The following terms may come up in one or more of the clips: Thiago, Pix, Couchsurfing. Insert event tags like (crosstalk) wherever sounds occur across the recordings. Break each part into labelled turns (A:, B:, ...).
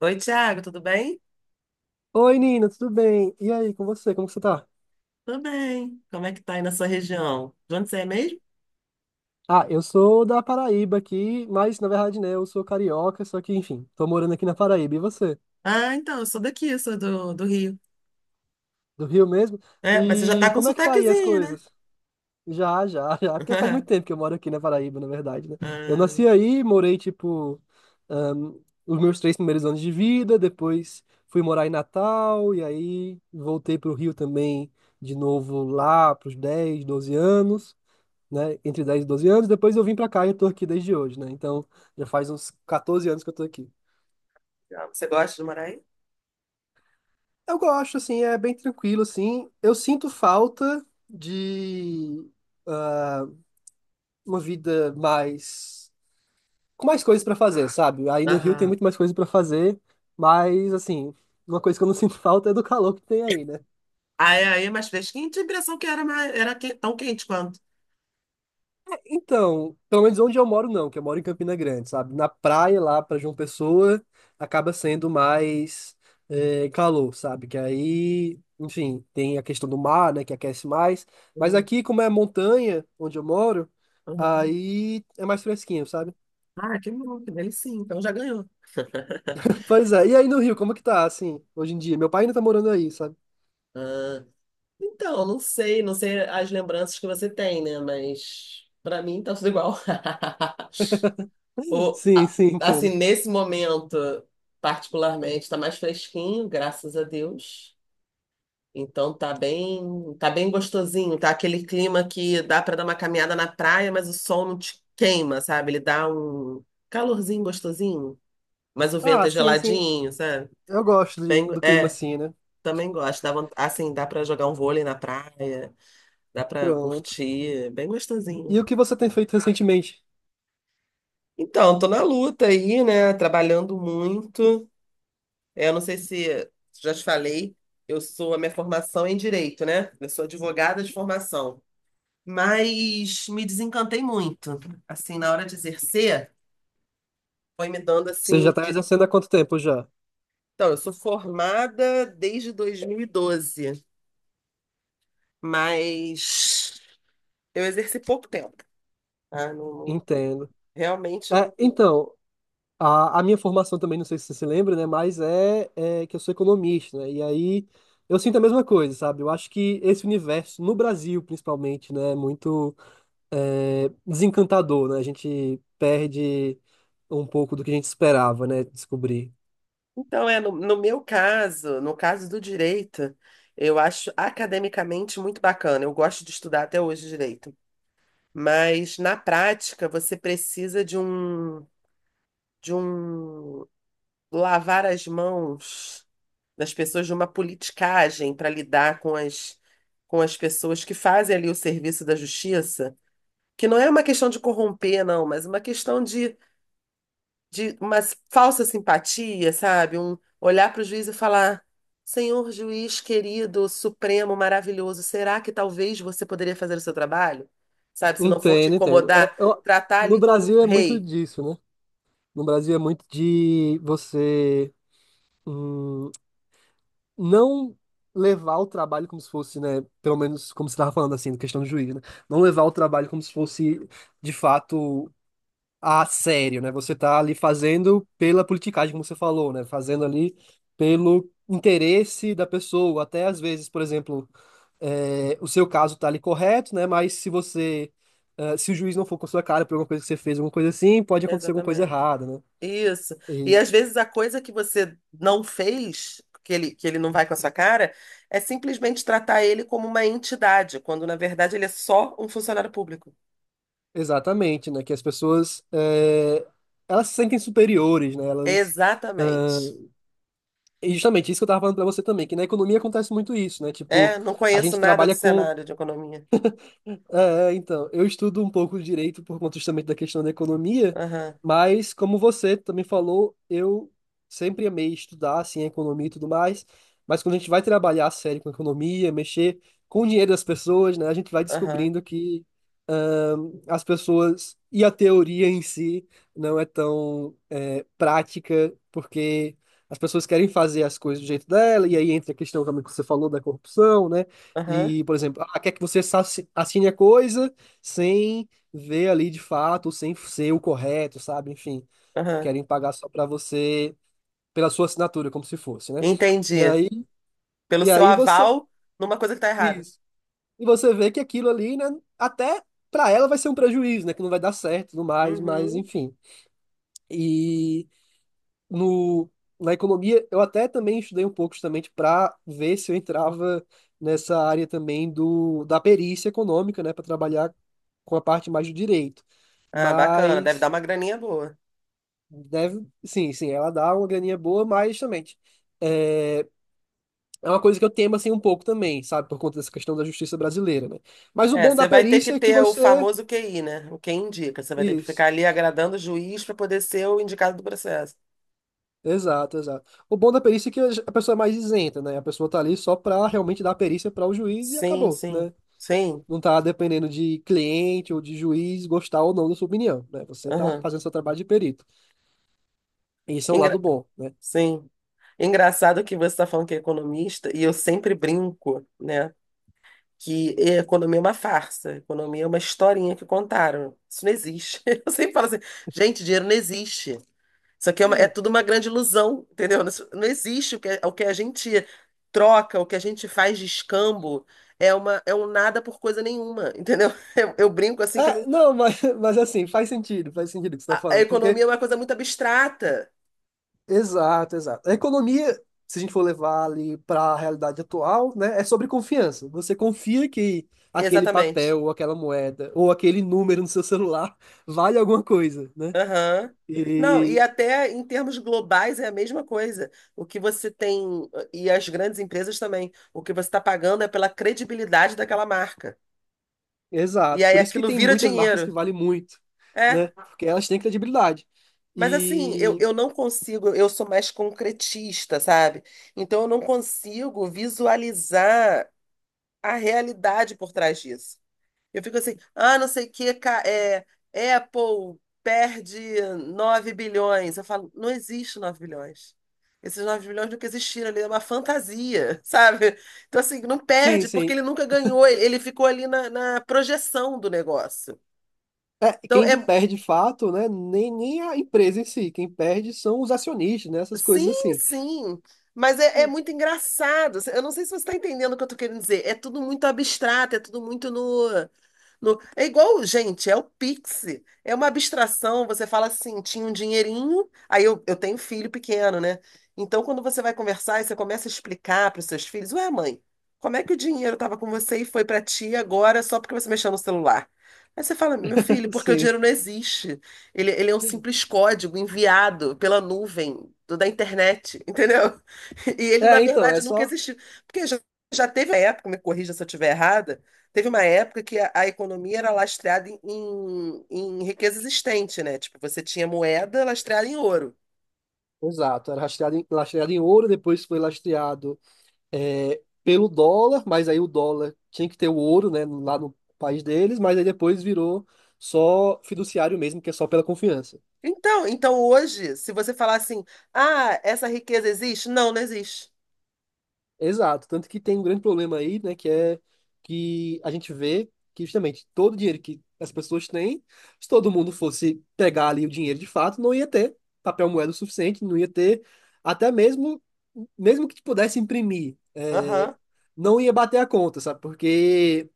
A: Oi, Thiago, tudo bem?
B: Oi, Nina, tudo bem? E aí, com você? Como que você tá?
A: Tudo bem. Como é que tá aí na sua região? De onde você é mesmo?
B: Ah, eu sou da Paraíba aqui, mas na verdade, né, eu sou carioca, só que, enfim, tô morando aqui na Paraíba. E você?
A: Ah, então, eu sou daqui, eu sou do Rio.
B: Do Rio mesmo?
A: É, mas você já tá
B: E
A: com
B: como é que tá aí as
A: sotaquezinho, né?
B: coisas? Já, já, (laughs) já, porque faz muito tempo
A: (laughs)
B: que eu moro aqui na Paraíba, na verdade, né? Eu
A: Ah,
B: nasci aí, morei, tipo, ahn, os meus três primeiros anos de vida, depois fui morar em Natal, e aí voltei pro Rio também, de novo lá, pros 10, 12 anos. Né, entre 10 e 12 anos, depois eu vim pra cá e eu tô aqui desde hoje, né? Então, já faz uns 14 anos que eu tô aqui.
A: legal. Você gosta de morar aí?
B: Eu gosto, assim, é bem tranquilo, assim. Eu sinto falta de ah, uma vida mais com mais coisas pra fazer, sabe? Aí no Rio tem
A: Aham.
B: muito mais coisas pra fazer, mas assim, uma coisa que eu não (laughs) sinto falta é do calor que tem aí, né?
A: Ah, é aí, é mais fresquinho? Tinha a impressão que era, mais, tão quente quanto.
B: Então, pelo menos onde eu moro, não, que eu moro em Campina Grande, sabe? Na praia lá para João Pessoa acaba sendo mais calor, sabe? Que aí, enfim, tem a questão do mar, né, que aquece mais. Mas
A: Uhum,
B: aqui, como é montanha, onde eu moro,
A: uhum.
B: aí é mais fresquinho, sabe?
A: Ah, que bom, que delicinha. Então já ganhou.
B: (laughs) Pois é. E aí no Rio, como que tá, assim, hoje em dia? Meu pai ainda tá morando aí, sabe?
A: Ah, então, não sei, não sei as lembranças que você tem, né? Mas pra mim tá tudo igual. (laughs)
B: (laughs) Sim, sim,
A: Assim,
B: entendo.
A: nesse momento, particularmente, está mais fresquinho, graças a Deus. Então tá bem gostosinho, tá aquele clima que dá para dar uma caminhada na praia, mas o sol não te queima, sabe? Ele dá um calorzinho gostosinho, mas o vento
B: Ah,
A: é
B: sim, sim.
A: geladinho, sabe?
B: Eu gosto
A: Bem,
B: do clima
A: é,
B: assim, né?
A: também gosto. Dá, assim, dá para jogar um vôlei na praia, dá para
B: Pronto.
A: curtir, é bem gostosinho.
B: E o que você tem feito recentemente?
A: Então, tô na luta aí, né? Trabalhando muito. É, eu não sei se já te falei, eu sou a minha formação é em direito, né? Eu sou advogada de formação, mas me desencantei muito. Assim, na hora de exercer, foi me dando
B: Você
A: assim,
B: já tá
A: de...
B: exercendo há quanto tempo já?
A: Então, eu sou formada desde 2012, mas eu exerci pouco tempo, tá?
B: Entendo.
A: Realmente
B: É,
A: não.
B: então, a minha formação também, não sei se você se lembra, né? Mas é, é que eu sou economista, né? E aí eu sinto a mesma coisa, sabe? Eu acho que esse universo, no Brasil principalmente, né? É muito é, desencantador, né? A gente perde um pouco do que a gente esperava, né? Descobrir.
A: Então, é no, no meu caso, no caso do direito, eu acho academicamente muito bacana. Eu gosto de estudar até hoje direito. Mas na prática, você precisa de um lavar as mãos das pessoas, de uma politicagem para lidar com as pessoas que fazem ali o serviço da justiça, que não é uma questão de corromper, não, mas uma questão de uma falsa simpatia, sabe? Um olhar para o juiz e falar: Senhor juiz querido, supremo, maravilhoso, será que talvez você poderia fazer o seu trabalho? Sabe? Se não for te
B: Entendo, entendo. É,
A: incomodar,
B: eu-
A: tratar
B: no
A: ali como um
B: Brasil é muito
A: rei.
B: disso, né? No Brasil é muito de você. hum, não levar o trabalho como se fosse, né, pelo menos como você estava falando assim, questão do juiz, né? Não levar o trabalho como se fosse de fato a sério, né? Você tá ali fazendo pela politicagem, como você falou, né? Fazendo ali pelo interesse da pessoa, até às vezes, por exemplo, é, o seu caso tá ali correto, né? Mas se você é, se o juiz não for com a sua cara por alguma coisa que você fez, alguma coisa assim, pode acontecer alguma coisa
A: Exatamente.
B: errada, né?
A: Isso. E às vezes a coisa que você não fez, que ele não vai com a sua cara, é simplesmente tratar ele como uma entidade, quando na verdade ele é só um funcionário público.
B: Exatamente, né? Que as pessoas é, elas se sentem superiores, né? Elas ah,
A: Exatamente.
B: e justamente isso que eu tava falando pra você também, que na economia acontece muito isso, né? Tipo,
A: É, não
B: a
A: conheço
B: gente
A: nada do
B: trabalha com
A: cenário de economia.
B: então, eu estudo um pouco direito por conta justamente da questão da economia,
A: Aham,
B: mas como você também falou, eu sempre amei estudar, assim, a economia e tudo mais, mas quando a gente vai trabalhar a sério com a economia, mexer com o dinheiro das pessoas, né, a gente vai
A: aham,
B: descobrindo que as pessoas e a teoria em si não é tão é, prática, porque as pessoas querem fazer as coisas do jeito dela, e aí entra a questão também que você falou da corrupção, né?
A: aham,
B: E, por exemplo, ah, quer que você assine a coisa sem ver ali de fato, sem ser o correto, sabe? Enfim,
A: aham.
B: querem pagar só para você, pela sua assinatura, como se fosse, né? E
A: Entendi.
B: aí,
A: Pelo
B: e
A: seu
B: aí você,
A: aval numa coisa que tá errada.
B: isso. E você vê que aquilo ali, né, até para ela vai ser um prejuízo, né, que não vai dar certo e tudo mais, mas
A: Uhum.
B: enfim. E no, na economia, eu até também estudei um pouco justamente para ver se eu entrava nessa área também da perícia econômica, né, para trabalhar com a parte mais do direito.
A: Ah, bacana. Deve dar
B: Mas
A: uma graninha boa.
B: deve, sim, sim, ela dá uma graninha boa, mas justamente é, é uma coisa que eu temo assim um pouco também, sabe, por conta dessa questão da justiça brasileira, né? Mas o
A: É,
B: bom da
A: você vai ter que
B: perícia é que
A: ter o
B: você
A: famoso QI, né? O que indica. Você vai ter que
B: isso.
A: ficar ali agradando o juiz para poder ser o indicado do processo.
B: Exato, exato. O bom da perícia é que a pessoa é mais isenta, né? A pessoa tá ali só pra realmente dar a perícia para o juiz e
A: Sim,
B: acabou,
A: sim,
B: né?
A: sim.
B: Não tá dependendo de cliente ou de juiz gostar ou não da sua opinião, né? Você tá
A: Aham.
B: fazendo seu trabalho de perito. E isso é um lado
A: Engra-
B: bom, né?
A: Sim. Engraçado que você está falando que é economista, e eu sempre brinco, né? Que a economia é uma farsa, a economia é uma historinha que contaram. Isso não existe. (laughs) Eu sempre falo assim, gente, dinheiro não existe. Isso aqui é, é tudo uma grande ilusão, entendeu? Isso não existe o que, é, o que a gente troca, o que a gente faz de escambo, é uma, é um nada por coisa nenhuma, entendeu? (laughs) Eu brinco assim que não,
B: É, não, (laughs) mas assim, faz sentido o que você tá
A: a
B: falando,
A: economia
B: porque,
A: é uma coisa muito abstrata.
B: exato, exato. A economia, se a gente for levar ali para a realidade atual, né, é sobre confiança. Você confia que aquele
A: Exatamente.
B: papel ou aquela moeda ou aquele número no seu celular (laughs) vale alguma coisa, né?
A: Aham. Não, e
B: E
A: até em termos globais é a mesma coisa. O que você tem, e as grandes empresas também, o que você está pagando é pela credibilidade daquela marca. E
B: exato.
A: aí
B: Por isso que
A: aquilo
B: tem
A: vira
B: muitas marcas que
A: dinheiro.
B: valem muito,
A: É.
B: né? Porque elas têm credibilidade.
A: Mas assim, eu,
B: E
A: eu não consigo, eu sou mais concretista, sabe? Então eu não consigo visualizar a realidade por trás disso. Eu fico assim, ah, não sei o que, Apple perde 9 bilhões. Eu falo, não existe 9 bilhões. Esses 9 bilhões nunca existiram ali, é uma fantasia, (laughs) sabe? Então, assim, não
B: sim,
A: perde, porque
B: sim.
A: ele nunca ganhou, ele ficou ali na projeção do negócio.
B: É,
A: Então,
B: quem
A: é,
B: perde de fato, né? Nem, nem a empresa em si. Quem perde são os acionistas, né? Essas coisas
A: sim,
B: assim.
A: sim. Mas é, é muito engraçado. Assim, eu não sei se você está entendendo o que eu estou querendo dizer. É tudo muito abstrato, é tudo muito no. É igual, gente, é o Pix. É uma abstração. Você fala assim, tinha um dinheirinho. Aí eu tenho filho pequeno, né? Então, quando você vai conversar e você começa a explicar para os seus filhos: Ué, mãe, como é que o dinheiro estava com você e foi para ti agora só porque você mexeu no celular? Aí você fala: Meu filho,
B: (laughs)
A: porque o
B: Sim.
A: dinheiro não existe. Ele é um simples código enviado pela nuvem da internet, entendeu? (laughs) E ele, na
B: É, então, é
A: verdade, nunca
B: só.
A: existiu. Porque já, já teve uma época, me corrija se eu estiver errada, teve uma época que a economia era lastreada em riqueza existente, né? Tipo, você tinha moeda lastreada em ouro.
B: Exato. Era lastreado em ouro, depois foi lastreado é, pelo dólar, mas aí o dólar tinha que ter o ouro, né? Lá no país deles, mas aí depois virou só fiduciário mesmo, que é só pela confiança.
A: Então, então hoje, se você falar assim, ah, essa riqueza existe? Não, não existe.
B: Exato, tanto que tem um grande problema aí, né, que é que a gente vê que justamente todo o dinheiro que as pessoas têm, se todo mundo fosse pegar ali o dinheiro de fato, não ia ter papel moeda o suficiente, não ia ter até mesmo que pudesse imprimir, é,
A: Aham,
B: não ia bater a conta, sabe? Porque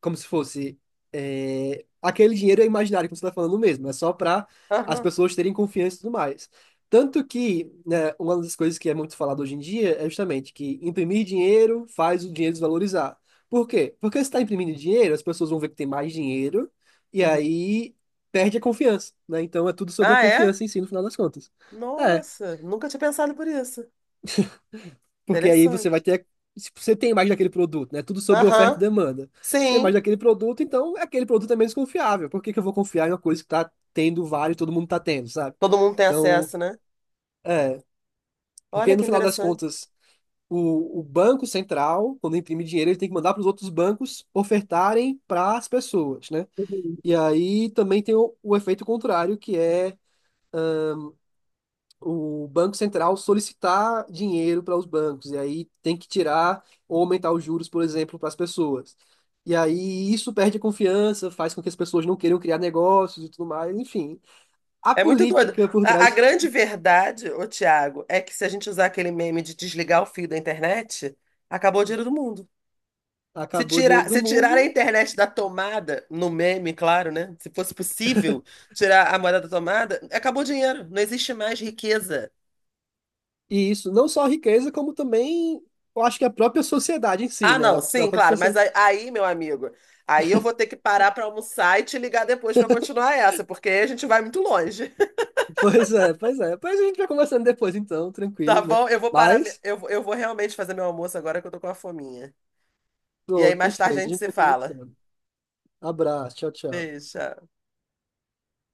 B: como se fosse é, aquele dinheiro é imaginário que você está falando mesmo, é só para as
A: aham.
B: pessoas terem confiança e tudo mais. Tanto que, né, uma das coisas que é muito falado hoje em dia é justamente que imprimir dinheiro faz o dinheiro desvalorizar. Por quê? Porque se está imprimindo dinheiro, as pessoas vão ver que tem mais dinheiro e
A: Uhum.
B: aí perde a confiança, né? Então é tudo sobre a
A: Ah, é?
B: confiança em si, no final das contas. É,
A: Nossa, nunca tinha pensado por isso.
B: porque aí você vai
A: Interessante.
B: ter. Se você tem mais daquele produto, né? Tudo sobre oferta e
A: Aham,
B: demanda. Se tem mais
A: sim.
B: daquele produto, então é aquele produto é menos confiável. Por que que eu vou confiar em uma coisa que tá tendo vários, todo mundo tá tendo, sabe?
A: Todo mundo tem
B: Então,
A: acesso, né?
B: é. Porque
A: Olha
B: no
A: que
B: final das
A: interessante.
B: contas, o Banco Central, quando imprime dinheiro, ele tem que mandar para os outros bancos ofertarem para as pessoas, né?
A: Uhum.
B: E aí também tem o efeito contrário, que é o Banco Central solicitar dinheiro para os bancos, e aí tem que tirar ou aumentar os juros, por exemplo, para as pessoas. E aí isso perde a confiança, faz com que as pessoas não queiram criar negócios e tudo mais. Enfim, a
A: É muito doido.
B: política por
A: A
B: trás
A: grande verdade, ô Thiago, é que se a gente usar aquele meme de desligar o fio da internet, acabou o dinheiro do mundo. Se
B: acabou o dinheiro
A: tirar,
B: do
A: se tirar a
B: mundo,
A: internet da tomada, no meme, claro, né? Se fosse possível tirar a moeda da tomada, acabou o dinheiro. Não existe mais riqueza.
B: e isso não só a riqueza, como também. Eu acho que a própria sociedade em si,
A: Ah,
B: né?
A: não,
B: A
A: sim,
B: própria
A: claro, mas
B: sociedade.
A: aí,
B: (laughs)
A: aí, meu amigo, aí eu vou ter que parar para almoçar e te ligar depois para continuar essa, porque aí a gente vai muito longe.
B: Pois é, pois é. Pois a gente vai conversando depois, então,
A: Tá
B: tranquilo, né?
A: bom? Eu vou parar.
B: Mas,
A: Eu vou realmente fazer meu almoço agora que eu tô com a fominha. E aí
B: pronto,
A: mais tarde a
B: perfeito. A
A: gente
B: gente
A: se
B: vai
A: fala.
B: conversando. Abraço, tchau, tchau.
A: Beijo. Tchau.